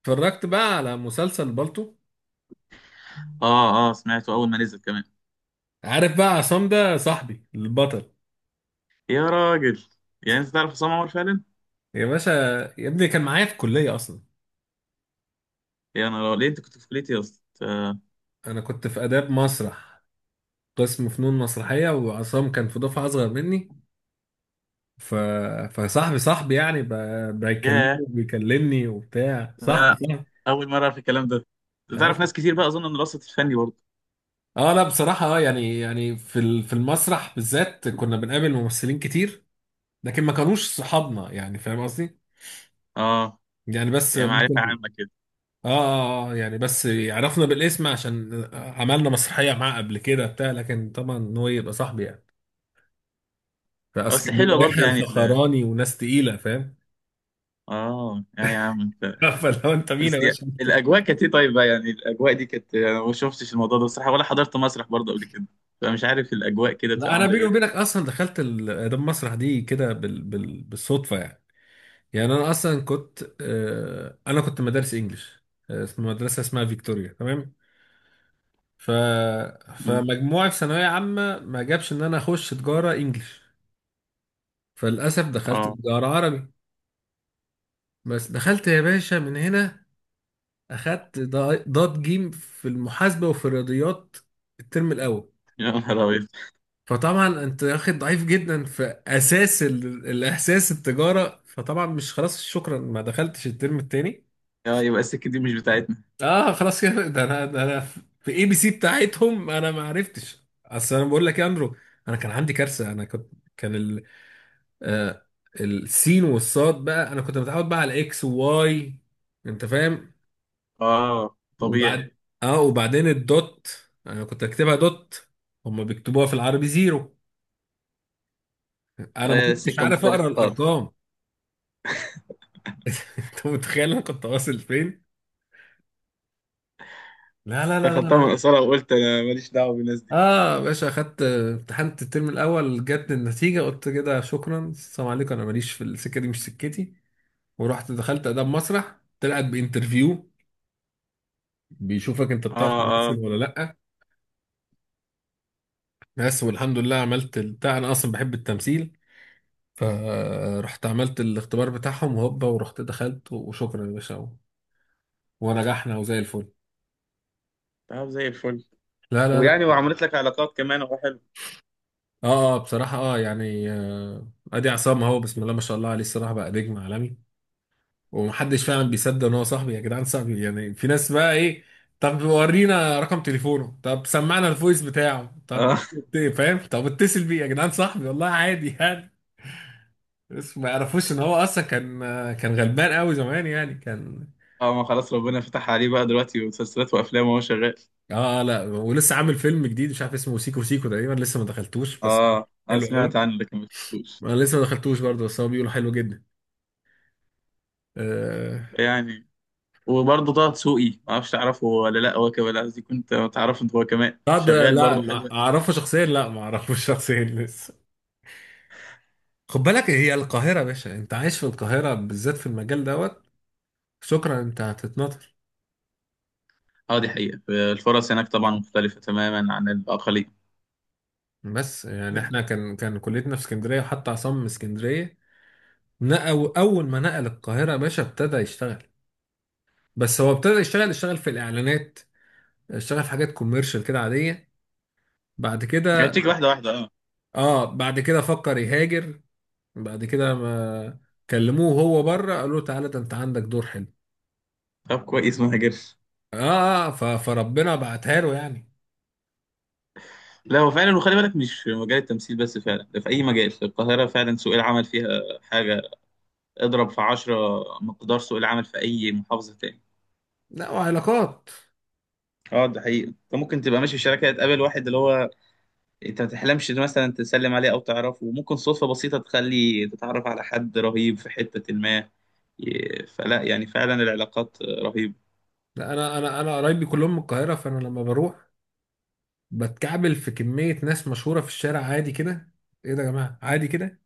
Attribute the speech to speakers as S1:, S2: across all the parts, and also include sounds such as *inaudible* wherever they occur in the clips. S1: اتفرجت بقى على مسلسل بالطو.
S2: اه، اه، سمعته اول ما نزل كمان.
S1: عارف بقى عصام ده صاحبي البطل؟
S2: يا راجل. يعني انت تعرف عصام عمر فعلا؟
S1: يا باشا، يا ابني كان معايا في الكلية أصلا.
S2: يا، انا ليه، انت كنت في كليتي يا اسطى؟ آه.
S1: أنا كنت في آداب مسرح، قسم فنون مسرحية، وعصام كان في دفعة أصغر مني. ف... فصاحبي صاحبي يعني بيكلمني
S2: ياه!
S1: وبيكلمني وبتاع
S2: لا،
S1: صاحبي
S2: لا،
S1: صاحبي
S2: اول مره اعرف الكلام ده. تعرف
S1: بس.
S2: ناس كتير بقى اظن من الوسط الفني برضه؟
S1: اه، لا بصراحة اه، يعني في المسرح بالذات كنا بنقابل ممثلين كتير، لكن ما كانوش صحابنا، يعني فاهم قصدي؟
S2: اه،
S1: يعني بس
S2: يعني معرفه
S1: ممكن.
S2: عامه كده.
S1: يعني بس عرفنا بالاسم عشان عملنا مسرحية معاه قبل كده بتاع، لكن طبعا إن هو يبقى صاحبي يعني. فأصل
S2: بس
S1: كان
S2: حلوه
S1: بيبقى
S2: برضه
S1: يحيى
S2: يعني
S1: الفخراني وناس تقيلة، فاهم.
S2: اه، يا عم انت.
S1: *laughs* فلو انت مين
S2: بس
S1: يا باشا انت.
S2: الاجواء كانت ايه طيب بقى؟ يعني الاجواء دي كانت، انا ما شفتش الموضوع ده بصراحه ولا حضرت مسرح برضه قبل كده، فمش عارف الاجواء كده بتبقى
S1: لا انا
S2: عامله
S1: بيني
S2: ايه.
S1: وبينك اصلا دخلت ال- ده المسرح دي كده بالصدفة يعني. يعني انا اصلا كنت آه، انا كنت مدارس انجليش، آه، في مدرسة اسمها فيكتوريا، تمام. ف
S2: مم.
S1: فمجموعي في ثانوية عامة ما جابش ان انا اخش تجارة انجليش، فللاسف دخلت
S2: اه،
S1: تجارة عربي. بس دخلت يا باشا من هنا، اخدت ضاد جيم في المحاسبة وفي الرياضيات الترم الاول.
S2: يا نهار ابيض.
S1: فطبعا انت واخد ضعيف جدا في اساس الاحساس التجارة، فطبعا مش خلاص شكرا، ما دخلتش الترم التاني.
S2: اه، يبقى السكه دي مش بتاعتنا.
S1: اه خلاص كده، ده انا في اي بي سي بتاعتهم انا ما عرفتش. اصل انا بقول لك يا اندرو، انا كان عندي كارثة. انا كنت، كان ال... آه السين والصاد بقى، انا كنت متعود بقى على اكس وواي، انت فاهم.
S2: اه، طبيعي.
S1: وبعد، اه وبعدين الدوت، انا كنت اكتبها دوت، هما بيكتبوها في العربي زيرو. انا ما
S2: آه،
S1: كنتش
S2: سكة
S1: عارف
S2: مختلفة
S1: اقرا
S2: خالص.
S1: الارقام. *laughs* انت متخيل انا كنت واصل فين؟ لا لا لا لا
S2: دخلتها
S1: لا.
S2: من قصيرها وقلت انا ماليش دعوه بالناس دي.
S1: اه يا باشا، اخدت امتحنت الترم الاول، جت النتيجه قلت كده شكرا، السلام عليكم، انا ماليش في السكه دي، مش سكتي. ورحت دخلت اداب مسرح، طلعت بانترفيو، بيشوفك انت بتعرف
S2: اه،
S1: تمثل
S2: اه.
S1: ولا لا. بس والحمد لله عملت البتاع، انا اصلا بحب التمثيل. فرحت عملت الاختبار بتاعهم وهوبا، ورحت دخلت وشكرا يا باشا، ونجحنا وزي الفل.
S2: طب زي الفل.
S1: لا لا
S2: ويعني
S1: لا.
S2: وعملت لك علاقات كمان، اهو حلو.
S1: اه آه، بصراحة اه يعني، آه، ادي عصام اهو، بسم الله ما شاء الله عليه، الصراحة بقى نجم عالمي. ومحدش فعلا بيصدق ان هو صاحبي. يا جدعان صاحبي يعني، في ناس بقى ايه، طب ورينا رقم تليفونه، طب سمعنا الفويس بتاعه، طب
S2: اه،
S1: فاهم، طب اتصل بيه يا جدعان، صاحبي والله، عادي يعني. بس ما يعرفوش ان هو اصلا كان، آه، كان غلبان قوي زمان يعني، كان.
S2: اه، ما خلاص، ربنا فتح عليه بقى دلوقتي مسلسلات وافلام وهو شغال.
S1: اه لا، ولسه عامل فيلم جديد مش عارف اسمه سيكو سيكو تقريبا، لسه ما دخلتوش بس.
S2: اه، انا
S1: حلو
S2: سمعت
S1: قوي.
S2: عنه لكن ما شفتوش.
S1: انا لسه ما دخلتوش برضه، بس هو بيقولوا حلو جدا. آه
S2: يعني وبرضه طه دسوقي ما اعرفش تعرفه ولا لا، هو كمان، قصدي كنت تعرفه انت، هو كمان
S1: لا ده
S2: شغال
S1: لا،
S2: برضه حلو
S1: ما
S2: أوي.
S1: اعرفه شخصيا، لا ما اعرفوش *laughs* شخصيا لسه. خد بالك هي القاهرة يا باشا، انت عايش في القاهرة بالذات في المجال دوت، شكرا انت هتتنطر.
S2: اه، دي حقيقة، الفرص هناك طبعا مختلفة تماما عن الأقاليم.
S1: بس يعني احنا كان كليتنا في اسكندرية، وحتى عصام من اسكندرية، نقل اول ما نقل القاهرة يا باشا ابتدى يشتغل. بس هو ابتدى يشتغل في الاعلانات، اشتغل في حاجات كوميرشال كده عادية. بعد
S2: يعني
S1: كده،
S2: بتيجي واحدة واحدة، اه.
S1: اه بعد كده فكر يهاجر. بعد كده ما كلموه وهو بره، قالوا له تعالى ده انت عندك دور حلو.
S2: طب كويس ما هاجرش.
S1: اه، فربنا بعتها له يعني.
S2: لا هو فعلا، وخلي بالك مش في مجال التمثيل بس، فعلا ده في أي مجال في القاهرة فعلا سوق العمل فيها حاجة. اضرب في 10 مقدار سوق العمل في أي محافظة تاني.
S1: لا وعلاقات.
S2: اه، ده حقيقي، انت ممكن تبقى ماشي في شركه تقابل واحد اللي هو انت ما تحلمش إن مثلا تسلم عليه او تعرفه، وممكن صدفه بسيطه تخلي تتعرف على حد رهيب في حته ما. فلا، يعني فعلا العلاقات رهيبه.
S1: لا انا قرايبي كلهم من القاهره، فانا لما بروح بتكعبل في كميه ناس مشهوره في الشارع عادي كده. ايه ده يا جماعه عادي كده،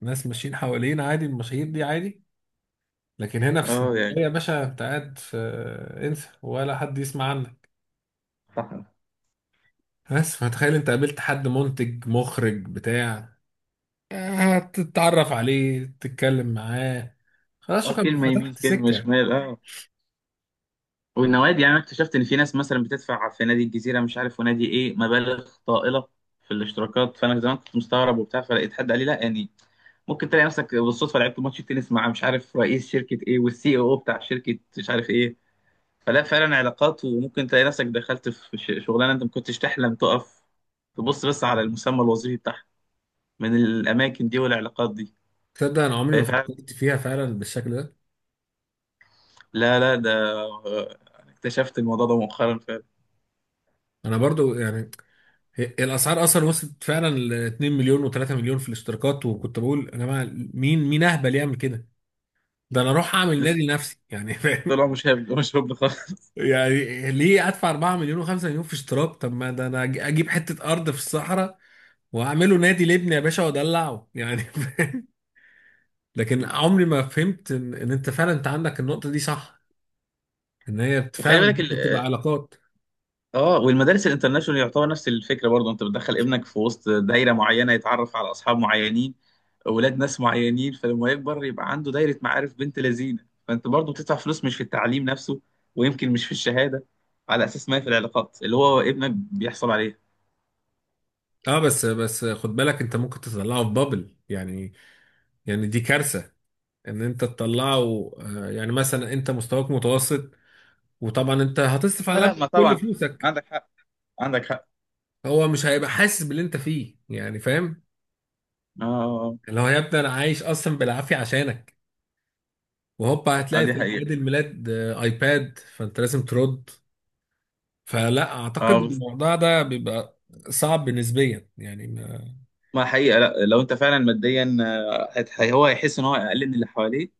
S1: ناس ماشيين حوالين عادي، المشاهير دي عادي. لكن هنا في
S2: اه، يعني
S1: اسكندريه يا باشا، انت قاعد في، انسى، ولا حد يسمع عنك.
S2: صح.
S1: بس فتخيل انت قابلت حد منتج مخرج بتاع، هتتعرف عليه تتكلم معاه، خلاص
S2: اه،
S1: شكرا
S2: كلمه يمين
S1: فتحت
S2: كلمه
S1: سكة.
S2: شمال، اه. والنوادي، يعني انا اكتشفت ان في ناس مثلا بتدفع في نادي الجزيره مش عارف ونادي ايه مبالغ طائله في الاشتراكات، فانا زمان كنت مستغرب وبتاع، فلقيت حد قال لي لا، يعني ممكن تلاقي نفسك بالصدفه لعبت ماتش تنس مع مش عارف رئيس شركه ايه، والسي او بتاع شركه مش عارف ايه. فلا فعلا علاقات، وممكن تلاقي نفسك دخلت في شغلانه انت ما كنتش تحلم تقف تبص بس على المسمى الوظيفي بتاعها، من الاماكن دي والعلاقات دي.
S1: تصدق انا عمري
S2: فهي
S1: ما
S2: فعلا،
S1: فكرت فيها فعلا بالشكل ده.
S2: لا، لا، ده آه، اكتشفت الموضوع ده مؤخرا فعلا.
S1: انا برضو يعني، الاسعار اصلا وصلت فعلا ل 2 مليون و3 مليون في الاشتراكات، وكنت بقول يا جماعه، مين اهبل يعمل كده؟ ده انا اروح اعمل نادي لنفسي يعني، *laughs* فاهم.
S2: طلع مش هبل مش هبل خالص.
S1: يعني ليه ادفع 4 مليون و5 مليون في اشتراك؟ طب ما ده انا اجيب حتة ارض في الصحراء واعمله نادي لابني يا باشا وادلعه يعني، *laughs* فاهم. لكن عمري ما فهمت ان إن انت فعلا انت عندك النقطة دي صح، ان هي
S2: وخلي
S1: فعلا
S2: بالك،
S1: ممكن تبقى علاقات.
S2: اه، والمدارس الانترناشونال يعتبر نفس الفكره برضه، انت بتدخل ابنك في وسط دايره معينه، يتعرف على اصحاب معينين، اولاد ناس معينين، فلما يكبر يبقى عنده دايره معارف بنت لذينه. فانت برضه بتدفع فلوس مش في التعليم نفسه، ويمكن مش في الشهاده، على اساس ما هي في العلاقات اللي هو ابنك بيحصل عليها.
S1: اه بس بس خد بالك، انت ممكن تطلعه في بابل يعني، يعني دي كارثه. ان انت تطلعه، آه، يعني مثلا انت مستواك متوسط وطبعا انت هتصرف
S2: لا،
S1: على
S2: لا، ما
S1: ابنك كل
S2: طبعا،
S1: فلوسك،
S2: عندك حق، عندك حق.
S1: هو مش هيبقى حاسس باللي انت فيه، يعني فاهم.
S2: اه، آه،
S1: اللي هو يا ابني انا عايش اصلا بالعافيه عشانك، وهوبا
S2: آه،
S1: هتلاقي
S2: دي
S1: في اعياد
S2: حقيقه.
S1: الميلاد، آه، ايباد، فانت لازم ترد. فلا اعتقد
S2: اه، بس
S1: الموضوع ده بيبقى صعب نسبيا يعني.
S2: ما حقيقه، لا لو انت فعلا ماديا هو هيحس ان هو اقل من اللي حواليه،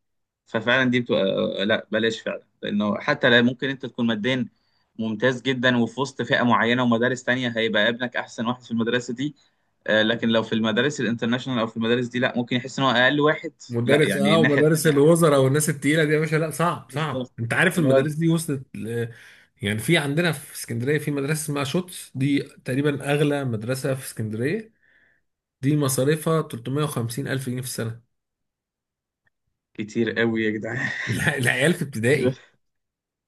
S2: ففعلا دي بتبقى، لا بلاش فعلا، لانه حتى لا، ممكن انت تكون ماديا ممتاز جدا وفي وسط فئه معينه ومدارس تانية هيبقى ابنك احسن واحد في المدرسه دي. آه، لكن لو في المدارس الانترناشونال او في المدارس دي لا، ممكن يحس ان هو اقل واحد. لا،
S1: مدرس
S2: يعني
S1: اه،
S2: الناحيه
S1: ومدارس
S2: التانية احسن.
S1: الوزراء والناس التقيله دي يا باشا، لا صعب صعب.
S2: بالظبط،
S1: انت عارف
S2: اللي هو
S1: المدارس دي وصلت يعني، في عندنا في اسكندريه في مدرسه اسمها شوتس، دي تقريبا اغلى مدرسه في اسكندريه. دي مصاريفها 350 الف جنيه في السنه.
S2: كتير قوي يا جدعان.
S1: *laughs* لا العيال في ابتدائي،
S2: *laughs*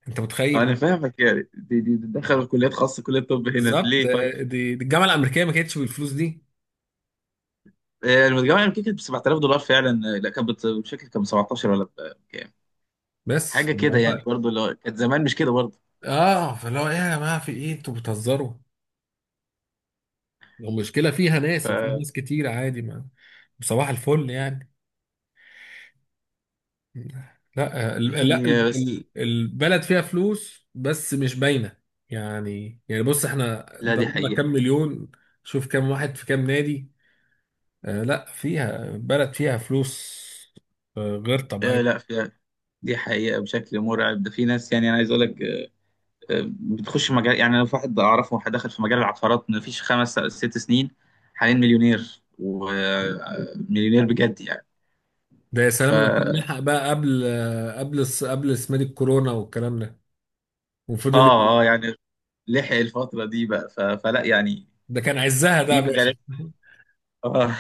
S1: انت متخيل.
S2: انا فاهمك، يعني دي دخل كليات خاصه، كليه طب هنا
S1: بالظبط
S2: ليه طيب.
S1: دي الجامعه الامريكيه ما كانتش بالفلوس دي.
S2: آه، المتجمع يمكن كانت ب $7000 فعلا. آه، لا كانت مش فاكر كان ب 17 ولا بكام، حاجه
S1: بس اللي
S2: كده يعني،
S1: هو،
S2: برضه لو كانت زمان مش كده برضه.
S1: اه، فاللي هو ايه يا جماعه، في ايه؟ انتوا بتهزروا؟ المشكله فيها ناس وفي
S2: ف
S1: ناس كتير عادي ما، صباح الفل يعني. لا ال- لا
S2: يعني، آه،
S1: ال-
S2: بس
S1: ال- البلد فيها فلوس بس مش باينه. يعني يعني بص، احنا
S2: لا دي
S1: ضربنا
S2: حقيقة.
S1: كام مليون، شوف كام واحد في كام نادي. آه لا، فيها، بلد فيها فلوس، آه غير
S2: آه، لا
S1: طبيعيه.
S2: في، دي حقيقة بشكل مرعب، ده في ناس يعني أنا عايز أقول لك، آه، بتخش مجال، يعني أنا في واحد أعرفه، واحد دخل في مجال العقارات ما فيش 5 6 سنين، حاليا مليونير ومليونير بجد يعني.
S1: ده يا
S2: ف
S1: سلام لو كان لحق بقى قبل، آه قبل قبل اسمها دي الكورونا والكلام ده، وفضل
S2: آه، آه،
S1: يجري.
S2: يعني لحق الفترة دي بقى فلا، يعني
S1: ده كان عزها ده يا
S2: في
S1: باشا.
S2: مجالات. آه.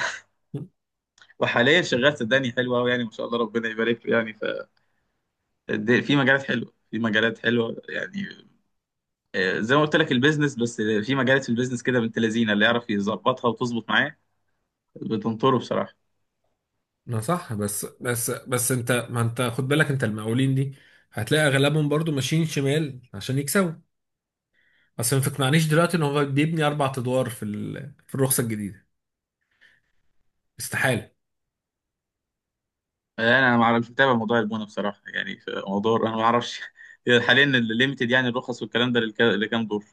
S2: *laughs* وحاليا شغال صدقني حلو أوي يعني، ما شاء الله ربنا يبارك له يعني. في مجالات حلوة في مجالات حلوة يعني. آه، زي ما قلت لك البيزنس، بس في مجالات في البيزنس كده بنت لذينه، اللي يعرف يظبطها وتظبط معاه بتنطره بصراحه.
S1: ما صح، بس بس انت، ما انت خد بالك، انت المقاولين دي هتلاقي اغلبهم برضو ماشيين شمال عشان يكسبوا. اصل ما تقنعنيش دلوقتي ان هو بيبني اربع ادوار في الرخصه الجديده، استحاله.
S2: آه، انا ما اعرفش متابع موضوع البونه بصراحه، يعني في موضوع انا ما اعرفش. *laughs* حاليا الليميتد يعني الرخص والكلام ده لكام دور.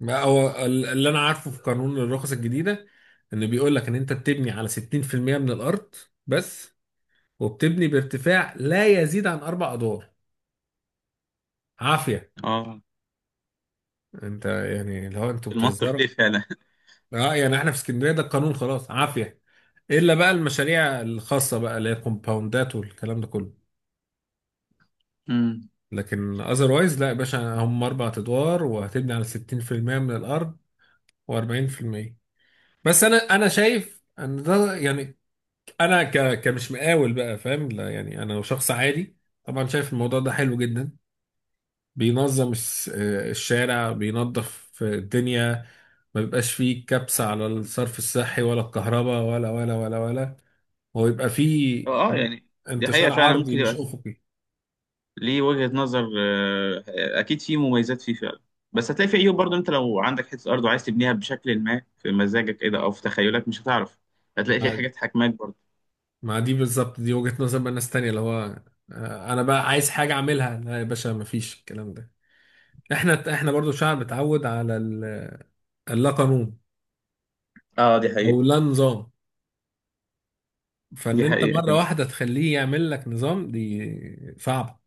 S1: ما هو اللي انا عارفه في قانون الرخص الجديده، ان بيقول لك ان انت بتبني على 60% من الارض بس، وبتبني بارتفاع لا يزيد عن اربع ادوار، عافيه.
S2: اه،
S1: انت يعني اللي هو انتوا
S2: المنطق
S1: بتهزروا؟
S2: ليه فعلا.
S1: اه يعني احنا في اسكندريه ده القانون، خلاص عافيه، الا بقى المشاريع الخاصه بقى اللي هي كومباوندات والكلام ده كله.
S2: *laughs* امم،
S1: لكن اذروايز لا يا باشا، هم اربع ادوار وهتبني على 60% من الارض و40% بس. انا انا شايف ان ده يعني، انا كمش مقاول بقى فاهم، لا يعني انا شخص عادي، طبعا شايف الموضوع ده حلو جدا. بينظم الشارع، بينظف الدنيا، ما بيبقاش فيه كبس على الصرف الصحي ولا الكهرباء ولا ولا ولا ولا، هو يبقى
S2: اه،
S1: فيه
S2: آه، يعني دي حقيقه
S1: انتشار
S2: فعلا
S1: عرضي
S2: ممكن
S1: مش
S2: يبقى
S1: افقي.
S2: ليه وجهه نظر، آه، اكيد في مميزات فيه فعلا. بس هتلاقي في عيوب برضه، انت لو عندك حته ارض وعايز تبنيها بشكل ما في مزاجك كده او في تخيلك مش هتعرف، هتلاقي في
S1: مع
S2: حاجات حاكماك برضه.
S1: مع دي بالظبط، دي وجهة نظر بقى ناس تانية، اللي هو آه، انا بقى عايز حاجة اعملها، لا يا باشا مفيش الكلام ده. احنا برضو شعب اتعود على اللا قانون
S2: اه، دي
S1: او
S2: حقيقة.
S1: لا نظام، فان
S2: دي
S1: انت
S2: حقيقة
S1: مره
S2: فعلا.
S1: واحده تخليه يعمل لك نظام دي صعبه.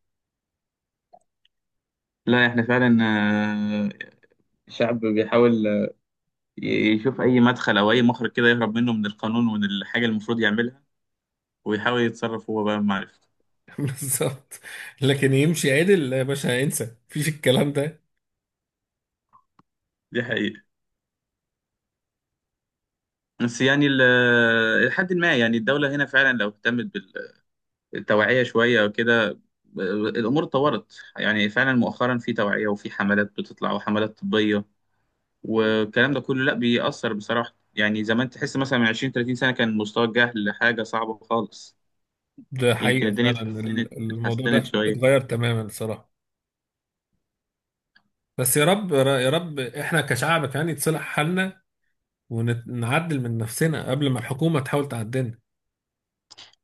S2: لا احنا فعلا الشعب بيحاول ي- يشوف أي مدخل أو أي مخرج كده يهرب منه من القانون ومن الحاجة اللي المفروض يعملها، ويحاول يتصرف هو بقى بمعرفته.
S1: *laughs* بالظبط. لكن يمشي عدل يا باشا، انسى مفيش الكلام ده.
S2: دي حقيقة، بس يعني لحد ما يعني الدولة هنا فعلا لو اهتمت بالتوعية شوية أو كده، الأمور اتطورت يعني فعلا مؤخرا، في توعية وفي حملات بتطلع وحملات طبية والكلام ده كله، لا بيأثر بصراحة. يعني زمان تحس مثلا من 20 30 سنة كان مستوى الجهل حاجة صعبة خالص.
S1: ده
S2: يمكن
S1: حقيقه
S2: الدنيا
S1: فعلا،
S2: اتحسنت
S1: الموضوع
S2: اتحسنت
S1: ده
S2: شوية.
S1: اتغير تماما الصراحه. بس يا رب يا رب احنا كشعب يعني يتصلح حالنا، ونعدل من نفسنا قبل ما الحكومه تحاول تعدلنا.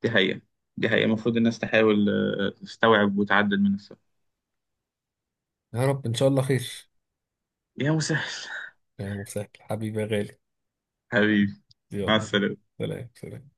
S2: دي حقيقة، دي حقيقة المفروض الناس تحاول تستوعب وتعدل من نفسها.
S1: يا رب ان شاء الله خير.
S2: يا مسهل.
S1: يا مسهل حبيبي يا غالي.
S2: *laughs* حبيبي. مع
S1: يلا.
S2: السلامة.
S1: سلام سلام.